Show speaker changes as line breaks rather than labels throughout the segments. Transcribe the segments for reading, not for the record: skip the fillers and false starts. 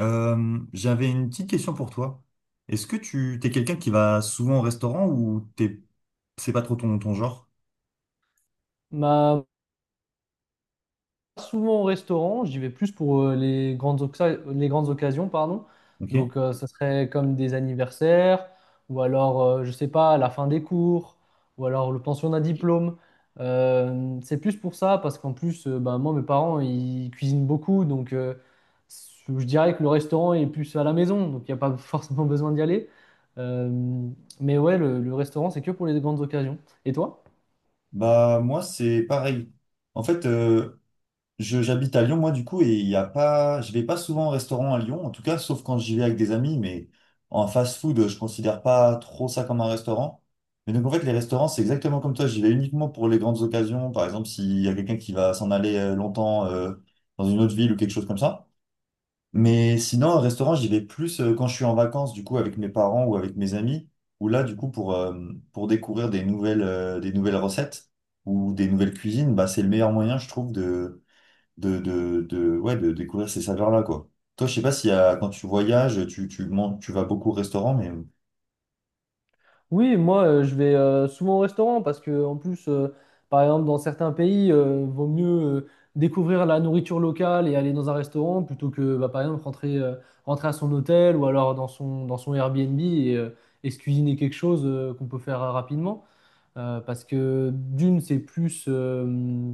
J'avais une petite question pour toi. Est-ce que tu t'es quelqu'un qui va souvent au restaurant ou t'es c'est pas trop ton genre?
Bah, pas souvent au restaurant, j'y vais plus pour les grandes, les grandes occasions, pardon. Donc,
Ok.
ça serait comme des anniversaires, ou alors, je sais pas, la fin des cours, ou alors le pensionnat diplôme. C'est plus pour ça, parce qu'en plus, bah, moi, mes parents, ils cuisinent beaucoup, donc je dirais que le restaurant est plus à la maison, donc il n'y a pas forcément besoin d'y aller. Euh, mais ouais, le restaurant, c'est que pour les grandes occasions. Et toi?
Bah moi c'est pareil. En fait, je j'habite à Lyon moi du coup et il y a pas, je vais pas souvent au restaurant à Lyon en tout cas, sauf quand j'y vais avec des amis. Mais en fast-food, je considère pas trop ça comme un restaurant. Mais donc en fait les restaurants c'est exactement comme toi. J'y vais uniquement pour les grandes occasions. Par exemple s'il y a quelqu'un qui va s'en aller longtemps dans une autre ville ou quelque chose comme ça. Mais sinon, un restaurant, j'y vais plus quand je suis en vacances, du coup, avec mes parents ou avec mes amis, ou là, du coup, pour découvrir des nouvelles, des nouvelles recettes ou des nouvelles cuisines, bah, c'est le meilleur moyen, je trouve, de, ouais, de découvrir ces saveurs-là, quoi. Toi, je sais pas s'il y a, quand tu voyages, tu vas beaucoup au restaurant, mais
Oui, moi, je vais souvent au restaurant parce que, en plus, par exemple, dans certains pays, vaut mieux découvrir la nourriture locale et aller dans un restaurant plutôt que, bah, par exemple, rentrer, rentrer à son hôtel ou alors dans son Airbnb et se cuisiner quelque chose qu'on peut faire rapidement. Parce que, d'une,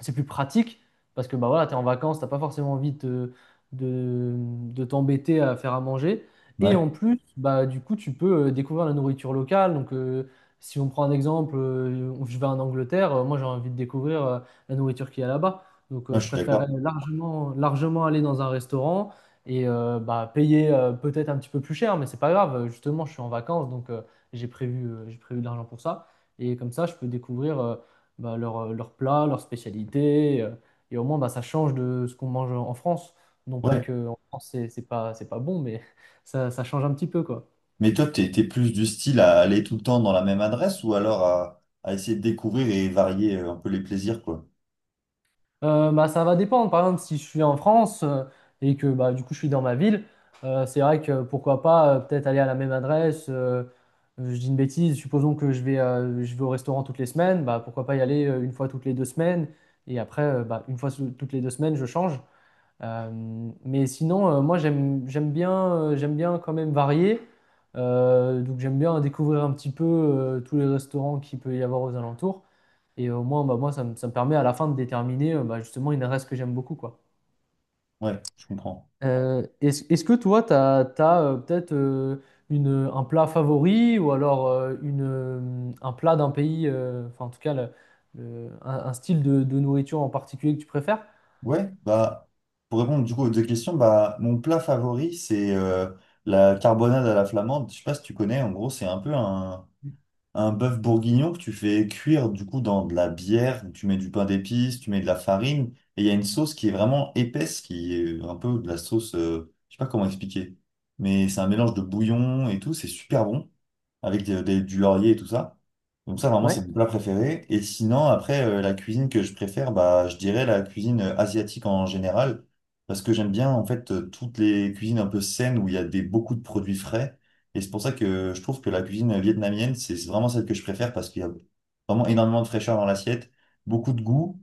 c'est plus pratique parce que bah voilà, tu es en vacances, t'as pas forcément envie de, de t'embêter à faire à manger. Et en
ouais,
plus, bah, du coup, tu peux découvrir la nourriture locale. Donc, si on prend un exemple, je vais en Angleterre, moi j'ai envie de découvrir la nourriture qu'il y a là-bas. Donc,
moi, je
je
suis
préférerais
d'accord.
largement, largement aller dans un restaurant et bah, payer peut-être un petit peu plus cher, mais c'est pas grave. Justement, je suis en vacances, donc j'ai prévu de l'argent pour ça. Et comme ça, je peux découvrir. Bah, leur plat, leur spécialité. Et au moins, bah, ça change de ce qu'on mange en France. Non pas
Ouais.
que en France, c'est pas bon, mais ça change un petit peu, quoi.
Mais toi, t'es plus du style à aller tout le temps dans la même adresse ou alors à essayer de découvrir et varier un peu les plaisirs, quoi.
Bah, ça va dépendre. Par exemple, si je suis en France et que bah, du coup, je suis dans ma ville, c'est vrai que pourquoi pas peut-être aller à la même adresse. Je dis une bêtise, supposons que je vais au restaurant toutes les semaines, bah, pourquoi pas y aller une fois toutes les deux semaines. Et après, bah, une fois toutes les deux semaines, je change. Mais sinon, moi j'aime bien quand même varier. Donc j'aime bien découvrir un petit peu tous les restaurants qu'il peut y avoir aux alentours. Et au moins, bah, moi, ça me permet à la fin de déterminer bah, justement une adresse que j'aime beaucoup, quoi.
Ouais, je comprends.
Est-ce que toi, tu as, peut-être un plat favori ou alors un plat d'un pays, enfin en tout cas un style de nourriture en particulier que tu préfères?
Ouais, bah, pour répondre du coup aux deux questions, bah, mon plat favori, c'est la carbonade à la flamande. Je sais pas si tu connais, en gros, c'est un peu un bœuf bourguignon que tu fais cuire du coup dans de la bière, tu mets du pain d'épices, tu mets de la farine, et il y a une sauce qui est vraiment épaisse, qui est un peu de la sauce, je sais pas comment expliquer, mais c'est un mélange de bouillon et tout, c'est super bon avec du laurier et tout ça. Donc ça, vraiment,
Ouais.
c'est mon plat préféré. Et sinon, après, la cuisine que je préfère, bah, je dirais la cuisine asiatique en général, parce que j'aime bien, en fait, toutes les cuisines un peu saines où il y a des, beaucoup de produits frais. Et c'est pour ça que je trouve que la cuisine vietnamienne, c'est vraiment celle que je préfère, parce qu'il y a vraiment énormément de fraîcheur dans l'assiette, beaucoup de goût.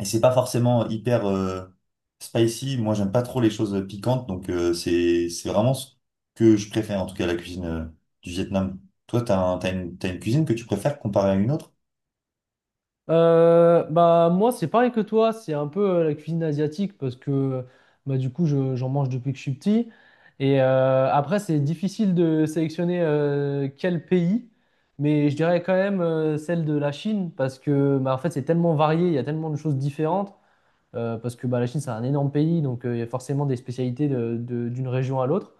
Et c'est pas forcément hyper spicy. Moi, j'aime pas trop les choses piquantes, donc c'est vraiment ce que je préfère, en tout cas la cuisine du Vietnam. Toi, t'as une cuisine que tu préfères comparée à une autre?
Bah moi c'est pareil que toi, c'est un peu la cuisine asiatique parce que bah, du coup j'en mange depuis que je suis petit. Et après c'est difficile de sélectionner quel pays, mais je dirais quand même celle de la Chine parce que bah, en fait c'est tellement varié, il y a tellement de choses différentes parce que bah, la Chine c'est un énorme pays donc il y a forcément des spécialités d'une région à l'autre.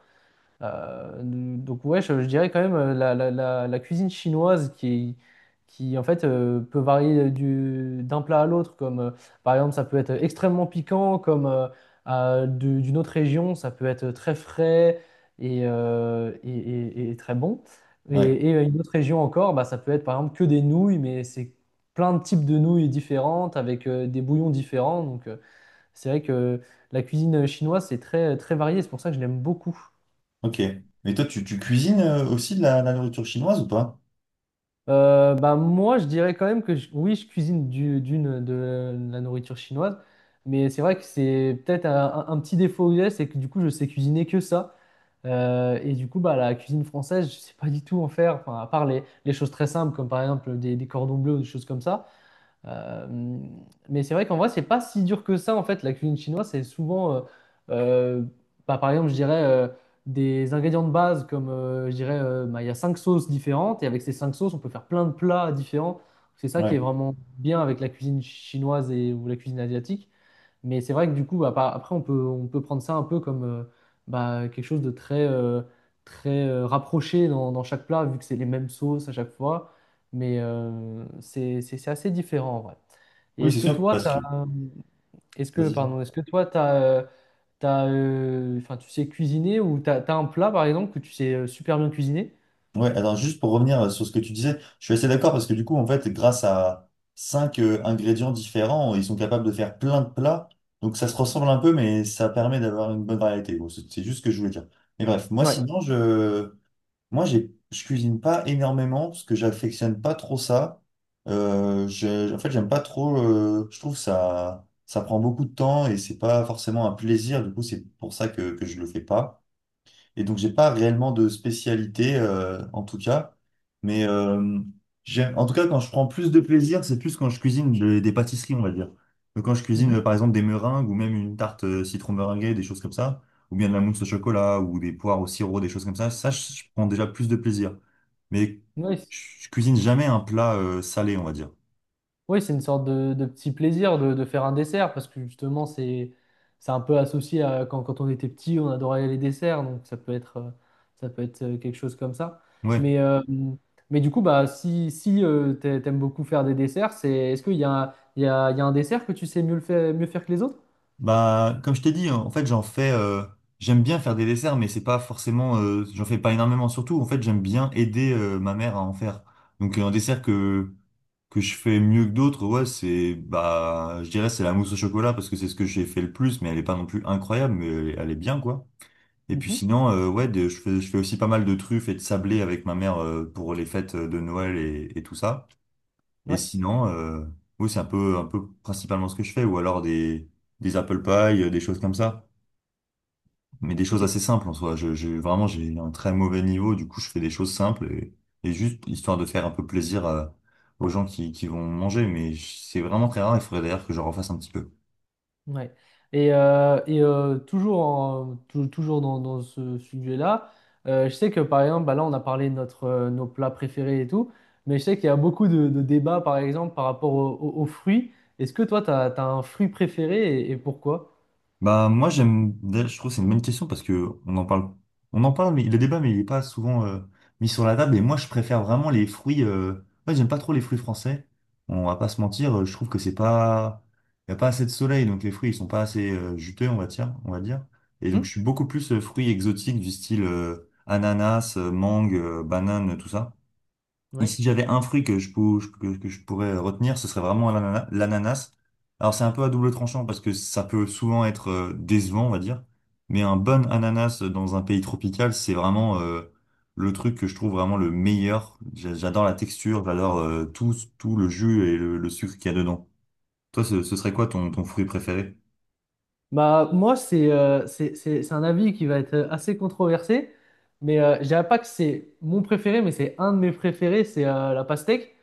Donc ouais, je dirais quand même la cuisine chinoise qui en fait peut varier d'un plat à l'autre. Comme par exemple, ça peut être extrêmement piquant, comme d'une autre région, ça peut être très frais et, et très bon. Et,
Ouais,
et une autre région encore, bah, ça peut être par exemple que des nouilles, mais c'est plein de types de nouilles différentes avec des bouillons différents. Donc c'est vrai que la cuisine chinoise c'est très très varié. C'est pour ça que je l'aime beaucoup.
ok. Mais toi, tu cuisines aussi de la nourriture chinoise ou pas?
Bah moi, je dirais quand même que oui, je cuisine du- d'une de la nourriture chinoise, mais c'est vrai que c'est peut-être un petit défaut que j'ai, c'est que du coup, je sais cuisiner que ça. Et du coup, bah, la cuisine française, je sais pas du tout en faire, enfin, à part les choses très simples, comme par exemple des cordons bleus ou des choses comme ça. Euh, mais c'est vrai qu'en vrai, c'est pas si dur que ça en fait. La cuisine chinoise, c'est souvent, euh, bah, par exemple, je dirais des ingrédients de base comme, je dirais, bah, il y a cinq sauces différentes et avec ces cinq sauces, on peut faire plein de plats différents. C'est ça qui est
Ouais.
vraiment bien avec la cuisine chinoise et ou la cuisine asiatique. Mais c'est vrai que du coup, bah, après, on peut prendre ça un peu comme bah, quelque chose de très rapproché dans chaque plat, vu que c'est les mêmes sauces à chaque fois. C'est assez différent en vrai. Et
Oui,
est-ce
c'est
que
sûr,
toi,
parce que...
t'as, euh, est-ce que,
Vas-y.
pardon, est-ce que toi, t'as, enfin, tu sais cuisiner ou t'as un plat, par exemple, que tu sais super bien cuisiner?
Ouais, alors juste pour revenir sur ce que tu disais, je suis assez d'accord parce que du coup, en fait, grâce à cinq ingrédients différents, ils sont capables de faire plein de plats. Donc ça se ressemble un peu, mais ça permet d'avoir une bonne variété. Bon, c'est juste ce que je voulais dire. Mais bref, moi
Ouais.
sinon, moi j'ai, je cuisine pas énormément parce que j'affectionne pas trop ça. En fait, j'aime pas trop. Je trouve ça, ça prend beaucoup de temps et c'est pas forcément un plaisir. Du coup, c'est pour ça que je le fais pas. Et donc, j'ai pas réellement de spécialité, en tout cas. Mais euh, En tout cas, quand je prends plus de plaisir, c'est plus quand je cuisine des pâtisseries, on va dire. Donc, quand je cuisine,
Mhm.
par exemple, des meringues ou même une tarte citron meringuée, des choses comme ça, ou bien de la mousse au chocolat ou des poires au sirop, des choses comme ça, je prends déjà plus de plaisir. Mais
Ouais,
je cuisine jamais un plat salé, on va dire.
oui, c'est une sorte de petit plaisir de faire un dessert parce que justement, c'est un peu associé à quand, quand on était petit, on adorait les desserts, donc ça peut être quelque chose comme ça.
Ouais.
Mais, euh, mais du coup, bah, si t'aimes beaucoup faire des desserts, c'est, est-ce qu'il y a, il y a, il y a un dessert que tu sais mieux le faire, mieux faire que les autres?
Bah, comme je t'ai dit, en fait, j'en fais. J'aime bien faire des desserts, mais c'est pas forcément. J'en fais pas énormément. Surtout, en fait, j'aime bien aider ma mère à en faire. Donc, un dessert que je fais mieux que d'autres, ouais, c'est bah, je dirais c'est la mousse au chocolat parce que c'est ce que j'ai fait le plus, mais elle est pas non plus incroyable, mais elle est bien quoi. Et puis
Mhm.
sinon, ouais, je fais aussi pas mal de truffes et de sablés avec ma mère pour les fêtes de Noël et tout ça. Et
Ouais,
sinon, oui, c'est un peu principalement ce que je fais, ou alors des apple pie, des choses comme ça. Mais des choses
ok.
assez simples en soi. Vraiment, j'ai un très mauvais niveau, du coup, je fais des choses simples et juste histoire de faire un peu plaisir aux gens qui vont manger. Mais c'est vraiment très rare, il faudrait d'ailleurs que je refasse un petit peu.
Ouais. Toujours dans ce sujet-là, je sais que par exemple, bah là on a parlé de notre, nos plats préférés et tout, mais je sais qu'il y a beaucoup de débats par exemple par rapport aux fruits. Est-ce que toi, tu as, un fruit préféré et pourquoi?
Bah moi j'aime d'ailleurs, je trouve que c'est une bonne question parce que on en parle mais le débat mais il est pas souvent mis sur la table et moi je préfère vraiment les fruits Ouais, j'aime pas trop les fruits français, on va pas se mentir. Je trouve que c'est pas, il y a pas assez de soleil donc les fruits ils sont pas assez juteux, on va dire et donc je
Mhm.
suis beaucoup plus fruits exotiques du style ananas mangue banane tout ça et
Ouais.
si j'avais un fruit que que je pourrais retenir, ce serait vraiment l'ananas. Alors c'est un peu à double tranchant parce que ça peut souvent être décevant, on va dire. Mais un bon ananas dans un pays tropical, c'est vraiment le truc que je trouve vraiment le meilleur. J'adore la texture, j'adore tout, tout le jus et le sucre qu'il y a dedans. Toi, ce serait quoi ton fruit préféré?
Bah, moi, c'est un avis qui va être assez controversé, mais je dirais pas que c'est mon préféré, mais c'est un de mes préférés, c'est la pastèque.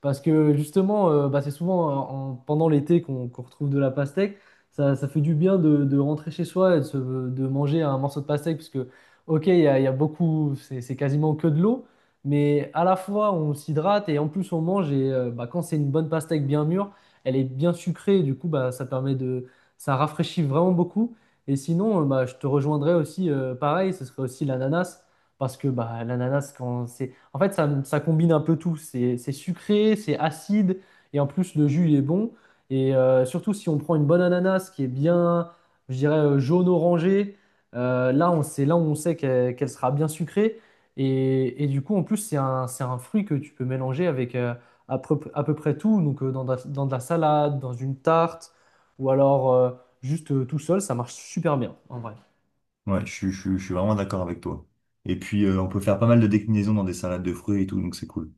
Parce que justement, bah, c'est souvent pendant l'été qu'on retrouve de la pastèque. Ça fait du bien de rentrer chez soi et de, de manger un morceau de pastèque, parce que, ok, il y a beaucoup, c'est quasiment que de l'eau, mais à la fois on s'hydrate et en plus on mange. Et bah, quand c'est une bonne pastèque bien mûre, elle est bien sucrée, et du coup, bah, ça permet de, ça rafraîchit vraiment beaucoup. Et sinon, bah, je te rejoindrais aussi, pareil, ce serait aussi l'ananas, parce que bah, l'ananas, quand en fait, ça combine un peu tout. C'est sucré, c'est acide, et en plus, le jus, il est bon. Et surtout, si on prend une bonne ananas qui est bien, je dirais, jaune-orangé, là, on sait qu'elle sera bien sucrée. Et du coup, en plus, c'est un fruit que tu peux mélanger avec à peu près tout. Donc, dans de la salade, dans une tarte, ou alors juste tout seul, ça marche super bien, en vrai.
Ouais, je suis vraiment d'accord avec toi. Et puis on peut faire pas mal de déclinaisons dans des salades de fruits et tout, donc c'est cool.